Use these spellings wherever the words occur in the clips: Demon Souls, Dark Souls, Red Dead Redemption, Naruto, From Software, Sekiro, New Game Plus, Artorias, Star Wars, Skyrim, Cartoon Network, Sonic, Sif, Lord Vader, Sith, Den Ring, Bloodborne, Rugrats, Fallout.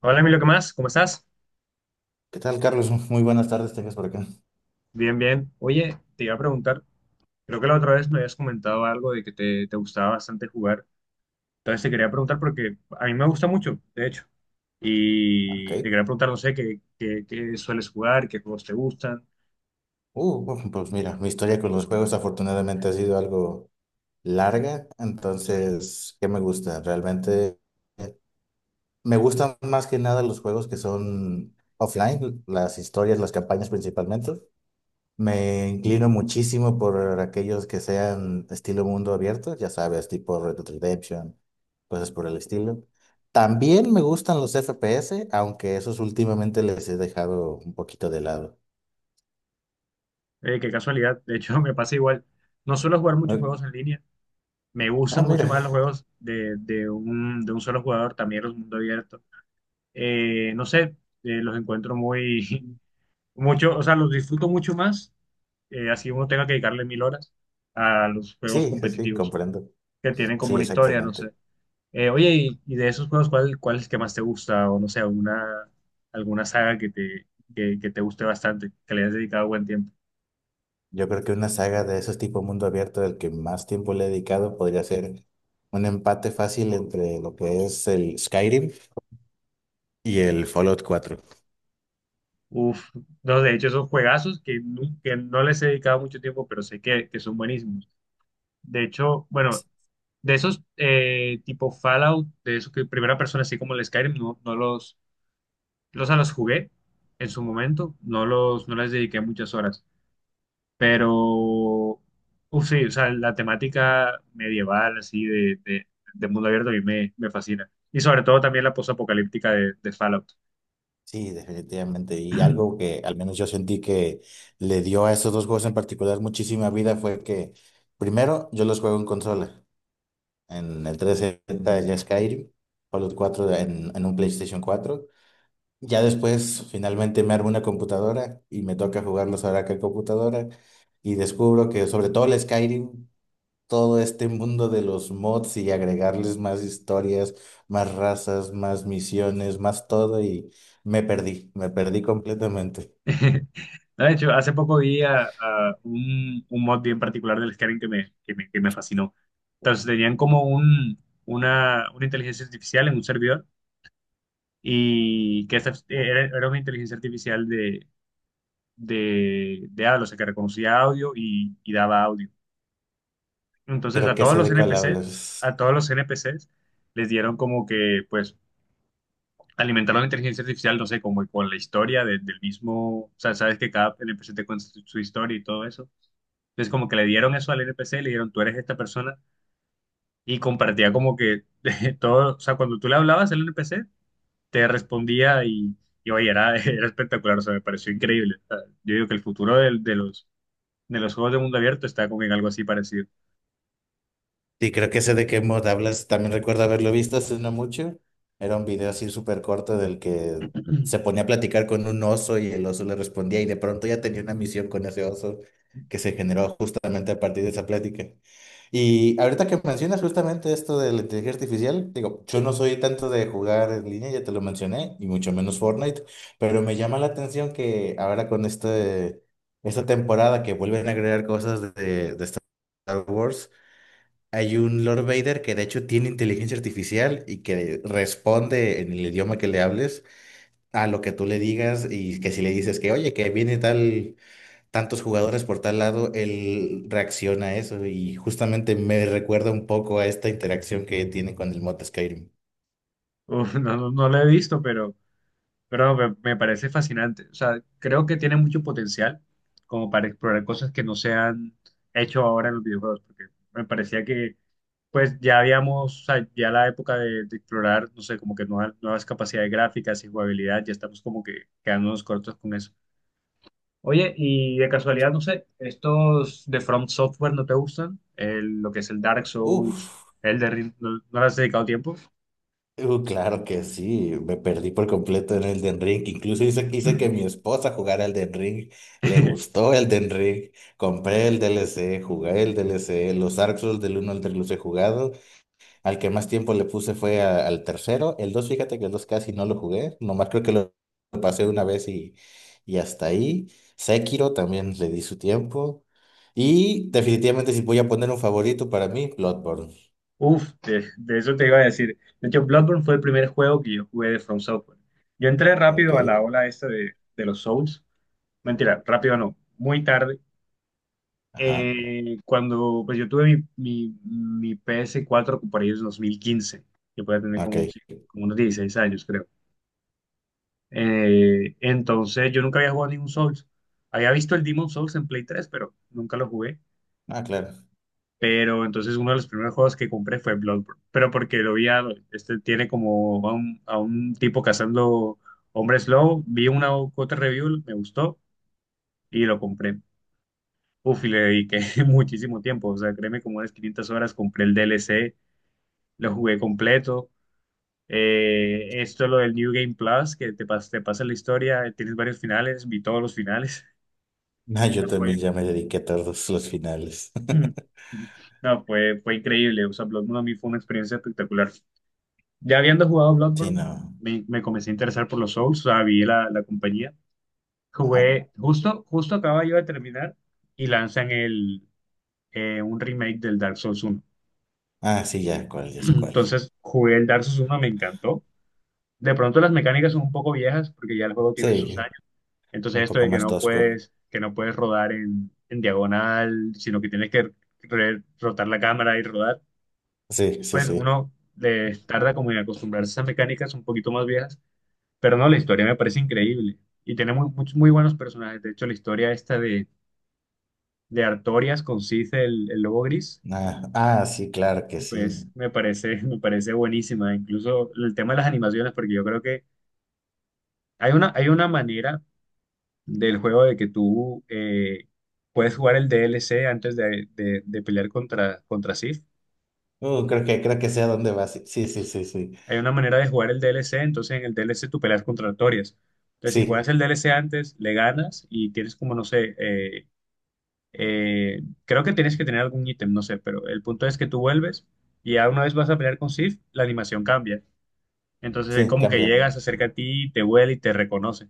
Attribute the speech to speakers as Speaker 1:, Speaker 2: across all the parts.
Speaker 1: Hola Emilio, ¿qué más? ¿Cómo estás?
Speaker 2: ¿Qué tal, Carlos? Muy buenas tardes, tengas por acá.
Speaker 1: Bien, bien. Oye, te iba a preguntar, creo que la otra vez me habías comentado algo de que te gustaba bastante jugar. Entonces te quería preguntar porque a mí me gusta mucho, de hecho.
Speaker 2: Ok.
Speaker 1: Y te quería preguntar, no sé, qué sueles jugar, qué juegos te gustan.
Speaker 2: Bueno, pues mira, mi historia con los juegos afortunadamente ha sido algo larga, entonces, ¿qué me gusta? Realmente eh, me gustan más que nada los juegos que son offline, las historias, las campañas principalmente. Me inclino muchísimo por aquellos que sean estilo mundo abierto, ya sabes, tipo Red Dead Redemption, cosas por el estilo. También me gustan los FPS, aunque esos últimamente les he dejado un poquito de lado.
Speaker 1: Qué casualidad. De hecho, me pasa igual. No suelo jugar muchos
Speaker 2: Ah,
Speaker 1: juegos en línea. Me
Speaker 2: ah,
Speaker 1: gustan
Speaker 2: mira,
Speaker 1: mucho más los juegos de, de un solo jugador, también los mundo abierto. No sé, los encuentro muy, mucho, o sea, los disfruto mucho más, así uno tenga que dedicarle mil horas a los juegos
Speaker 2: sí, sí, sí,
Speaker 1: competitivos
Speaker 2: comprendo.
Speaker 1: que tienen
Speaker 2: Sí,
Speaker 1: como una historia, no
Speaker 2: exactamente.
Speaker 1: sé. Oye, y de esos juegos, ¿cuál es el que más te gusta? O no sé, alguna saga que te guste bastante, que le hayas dedicado buen tiempo.
Speaker 2: Yo creo que una saga de esos tipo mundo abierto del que más tiempo le he dedicado podría ser un empate fácil entre lo que es el Skyrim y el Fallout 4.
Speaker 1: Uf, no, de hecho, son juegazos que no les he dedicado mucho tiempo, pero sé que son buenísimos. De hecho, bueno, de esos tipo Fallout, de esos que primera persona, así como el Skyrim, no, no los, los, a los jugué en su momento, no les dediqué muchas horas. Pero, uf, sí, o sea, la temática medieval, así, de mundo abierto, a mí me fascina. Y sobre todo también la posapocalíptica de Fallout.
Speaker 2: Sí, definitivamente. Y algo que al menos yo sentí que le dio a esos dos juegos en particular muchísima vida fue que, primero, yo los juego en consola, en el 360 de Skyrim, Fallout 4 en un PlayStation 4. Ya después, finalmente, me armo una computadora y me toca jugarlos ahora que computadora. Y descubro que, sobre todo el Skyrim, todo este mundo de los mods y agregarles más historias, más razas, más misiones, más todo y me perdí completamente.
Speaker 1: No, de hecho, hace poco vi a, un mod bien particular del Skyrim que me fascinó. Entonces, tenían como un, una inteligencia artificial en un servidor y era una inteligencia artificial de, de habla, o sea, que reconocía audio y daba audio. Entonces
Speaker 2: Creo
Speaker 1: a
Speaker 2: que
Speaker 1: todos
Speaker 2: sé
Speaker 1: los
Speaker 2: de cuál
Speaker 1: NPCs,
Speaker 2: hablas.
Speaker 1: a todos los NPCs les dieron como que, pues, alimentaron la inteligencia artificial, no sé, como con la historia del mismo, o sea, sabes que cada NPC te cuenta su historia y todo eso. Entonces como que le dieron eso al NPC, le dieron tú eres esta persona y compartía como que todo, o sea, cuando tú le hablabas al NPC, te respondía y oye, era, era espectacular, o sea, me pareció increíble. O sea, yo digo que el futuro los, de los juegos de mundo abierto está como en algo así parecido.
Speaker 2: Sí, creo que ese de qué mod hablas, también recuerdo haberlo visto hace no mucho. Era un video así súper corto del que se ponía a platicar con un oso y el oso le respondía y de pronto ya tenía una misión con ese oso que se generó justamente a partir de esa plática. Y ahorita que mencionas justamente esto de la inteligencia artificial, digo, yo no soy tanto de jugar en línea, ya te lo mencioné, y mucho menos Fortnite, pero me llama la atención que ahora con esta temporada que vuelven a agregar cosas de Star Wars, hay un Lord Vader que de hecho tiene inteligencia artificial y que responde en el idioma que le hables a lo que tú le digas y que si le dices que, oye, que viene tal, tantos jugadores por tal lado, él reacciona a eso y justamente me recuerda un poco a esta interacción que tiene con el mod Skyrim.
Speaker 1: Uf, no lo he visto, pero... Pero me parece fascinante. O sea, creo que tiene mucho potencial como para explorar cosas que no se han hecho ahora en los videojuegos, porque me parecía que pues ya habíamos, o sea, ya la época de explorar, no sé, como que nuevas capacidades gráficas y jugabilidad, ya estamos como que quedándonos cortos con eso. Oye, y de casualidad, no sé, ¿estos de From Software no te gustan? Lo que es el Dark Souls,
Speaker 2: Uf.
Speaker 1: el de, ¿no, no le has dedicado tiempo?
Speaker 2: Claro que sí, me perdí por completo en el Den Ring. Incluso hice que mi esposa jugara el Den Ring. Le gustó el Den Ring. Compré el DLC, jugué el DLC. Los Dark Souls del uno al 3 los he jugado. Al que más tiempo le puse fue al tercero. El 2 fíjate que el 2 casi no lo jugué. Nomás creo que lo pasé una vez y hasta ahí. Sekiro también le di su tiempo. Y definitivamente si voy a poner un favorito para mí, Bloodborne.
Speaker 1: Uf, de eso te iba a decir. De hecho, Bloodborne fue el primer juego que yo jugué de From Software. Yo entré
Speaker 2: Ok,
Speaker 1: rápido a la ola esta de los Souls. Mentira, rápido no, muy tarde.
Speaker 2: ajá,
Speaker 1: Cuando pues yo tuve mi ps cuatro por ahí en 2015. Yo podía tener como,
Speaker 2: ok.
Speaker 1: sí, como unos 16 años, creo. Entonces yo nunca había jugado ningún Souls. Había visto el Demon Souls en Play 3, pero nunca lo jugué.
Speaker 2: Ah, claro.
Speaker 1: Pero entonces uno de los primeros juegos que compré fue Bloodborne. Pero porque lo vi, este tiene como a un tipo cazando hombres lobo. Vi una otra review, me gustó y lo compré. Uf, y le dediqué muchísimo tiempo. O sea, créeme, como unas 500 horas, compré el DLC, lo jugué completo. Lo del New Game Plus, te pasa la historia, tienes varios finales, vi todos los finales.
Speaker 2: No, yo
Speaker 1: No, fue,
Speaker 2: también ya me dediqué a todos los finales.
Speaker 1: no, fue, fue increíble. O sea, Bloodborne a mí fue una experiencia espectacular. Ya habiendo jugado
Speaker 2: Sí, no.
Speaker 1: Bloodborne, me comencé a interesar por los Souls, o sea, vi la, la compañía.
Speaker 2: Ajá.
Speaker 1: Jugué, justo acaba yo de terminar y lanzan el, un remake del Dark Souls uno.
Speaker 2: Ah, sí, ya cuál, ya sé cuál.
Speaker 1: Entonces jugué el Dark Souls uno, me encantó. De pronto las mecánicas son un poco viejas porque ya el juego
Speaker 2: Sí,
Speaker 1: tiene sus años. Entonces
Speaker 2: un
Speaker 1: esto
Speaker 2: poco
Speaker 1: de
Speaker 2: más tosco.
Speaker 1: que no puedes rodar en diagonal, sino que tienes que rotar la cámara y rodar,
Speaker 2: Sí, sí,
Speaker 1: pues
Speaker 2: sí.
Speaker 1: uno le tarda como en acostumbrarse a esas mecánicas un poquito más viejas. Pero no, la historia me parece increíble y tiene muy, muchos muy buenos personajes. De hecho, la historia esta de Artorias con Sith, el lobo gris,
Speaker 2: Ah, ah, sí, claro que
Speaker 1: pues
Speaker 2: sí.
Speaker 1: me parece, me parece buenísima. Incluso el tema de las animaciones, porque yo creo que hay una manera del juego de que tú, puedes jugar el DLC antes de pelear contra, contra Sith.
Speaker 2: Creo que sé a dónde vas. Sí, sí, sí, sí.
Speaker 1: Hay una manera de jugar el DLC, entonces en el DLC tú peleas contra Artorias. Entonces, si juegas
Speaker 2: Sí,
Speaker 1: el DLC antes, le ganas y tienes como, no sé, eh, creo que tienes que tener algún ítem, no sé, pero el punto es que tú vuelves y ya una vez vas a pelear con Sif, la animación cambia. Entonces,
Speaker 2: sí,
Speaker 1: él
Speaker 2: sí,
Speaker 1: como que
Speaker 2: cambia.
Speaker 1: llegas, se acerca a ti, te huele y te reconoce,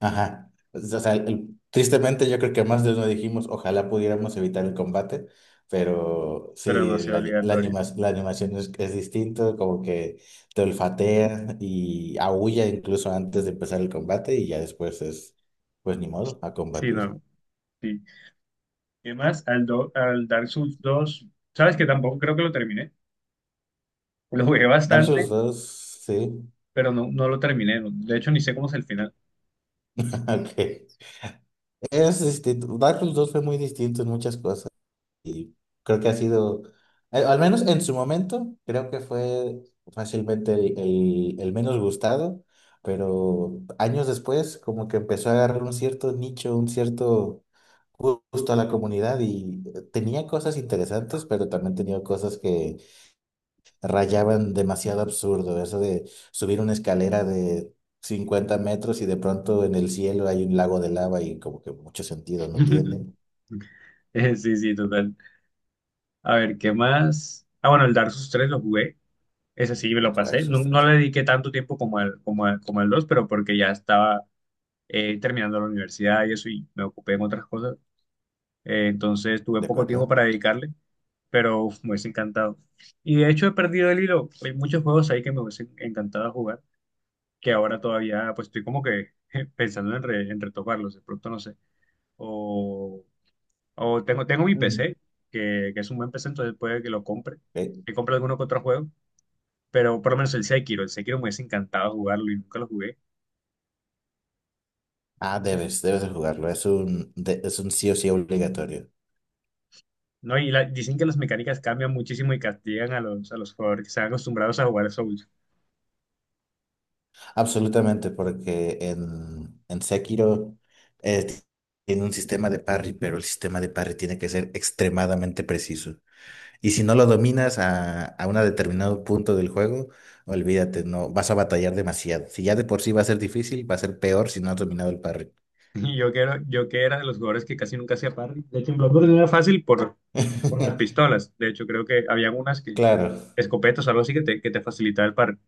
Speaker 2: Ajá. Pues, o sea, tristemente yo creo que más de uno dijimos, ojalá pudiéramos evitar el combate, pero
Speaker 1: pero no
Speaker 2: sí,
Speaker 1: sea
Speaker 2: la, ani- la,
Speaker 1: obligatorio.
Speaker 2: anima- la animación es distinto, como que te olfatea y aúlla incluso antes de empezar el combate y ya después es, pues ni modo, a
Speaker 1: Sí,
Speaker 2: combatir.
Speaker 1: no, sí. Y además, al, al Dark Souls dos, sabes que tampoco creo que lo terminé. Lo jugué
Speaker 2: Dark Souls
Speaker 1: bastante,
Speaker 2: 2 sí,
Speaker 1: pero no, no lo terminé. De hecho, ni sé cómo es el final.
Speaker 2: ok. Es distinto. Dark Souls 2 fue muy distinto en muchas cosas. Y creo que ha sido, al menos en su momento, creo que fue fácilmente el menos gustado, pero años después como que empezó a agarrar un cierto nicho, un cierto gusto a la comunidad y tenía cosas interesantes, pero también tenía cosas que rayaban demasiado absurdo, eso de subir una escalera de 50 metros y de pronto en el cielo hay un lago de lava y como que mucho sentido no tiene.
Speaker 1: Sí, sí, total. A ver, ¿qué más? Ah, bueno, el Dark Souls 3 lo jugué. Ese sí me
Speaker 2: Pues,
Speaker 1: lo pasé. No, no le dediqué tanto tiempo como al 2, pero porque ya estaba, terminando la universidad y eso, y me ocupé en otras cosas. Entonces tuve
Speaker 2: ¿De
Speaker 1: poco tiempo
Speaker 2: acuerdo?
Speaker 1: para dedicarle, pero uf, me hubiese encantado. Y de hecho he perdido el hilo. Hay muchos juegos ahí que me hubiesen encantado jugar, que ahora todavía pues estoy como que pensando en, en retomarlos, de pronto no sé. O, tengo mi PC, que es un buen PC, entonces puede que lo compre,
Speaker 2: Eh,
Speaker 1: que compre alguno que otro juego, pero por lo menos el Sekiro me hubiese encantado jugarlo y nunca lo jugué.
Speaker 2: ah, debes de jugarlo. Es un sí o sí obligatorio.
Speaker 1: No, dicen que las mecánicas cambian muchísimo y castigan a los jugadores que están acostumbrados a jugar Souls.
Speaker 2: Absolutamente, porque en Sekiro eh, t- tiene un sistema de parry, pero el sistema de parry tiene que ser extremadamente preciso. Y si no lo dominas a un determinado punto del juego, olvídate, no vas a batallar demasiado. Si ya de por sí va a ser difícil, va a ser peor si no has dominado el parry.
Speaker 1: Y yo que era de los jugadores que casi nunca hacía parry. De hecho, en Bloodborne no era fácil por las pistolas. De hecho, creo que había unas que,
Speaker 2: Claro,
Speaker 1: escopetas, algo así que te facilitaba el parry.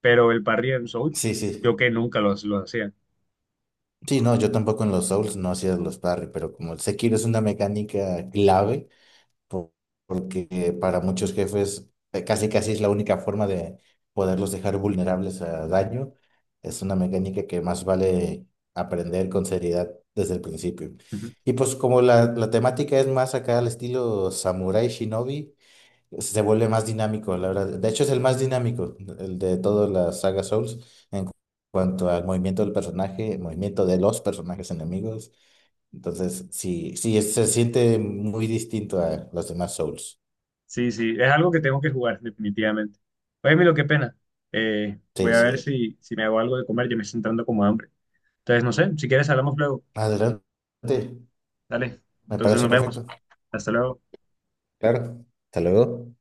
Speaker 1: Pero el parry en Souls,
Speaker 2: sí,
Speaker 1: yo
Speaker 2: sí.
Speaker 1: que nunca los lo hacía.
Speaker 2: Sí, no, yo tampoco en los Souls no hacía los parry, pero como el Sekiro es una mecánica clave por- porque para muchos jefes casi casi es la única forma de poderlos dejar vulnerables a daño. Es una mecánica que más vale aprender con seriedad desde el principio. Y pues como la temática es más acá al estilo Samurai Shinobi, se vuelve más dinámico, la verdad. De hecho es el más dinámico, el de toda la saga Souls, en cuanto al movimiento del personaje, el movimiento de los personajes enemigos. Entonces, sí, sí, se siente muy distinto a los demás Souls.
Speaker 1: Sí, sí, es algo que tengo que jugar, definitivamente. Oye, Milo, qué pena. Voy
Speaker 2: Sí,
Speaker 1: a ver
Speaker 2: sí.
Speaker 1: si, si me hago algo de comer, ya me está entrando como hambre. Entonces, no sé, si quieres hablamos luego.
Speaker 2: Adelante.
Speaker 1: Dale,
Speaker 2: Me
Speaker 1: entonces
Speaker 2: parece
Speaker 1: nos vemos.
Speaker 2: perfecto.
Speaker 1: Hasta luego.
Speaker 2: Claro. Hasta luego.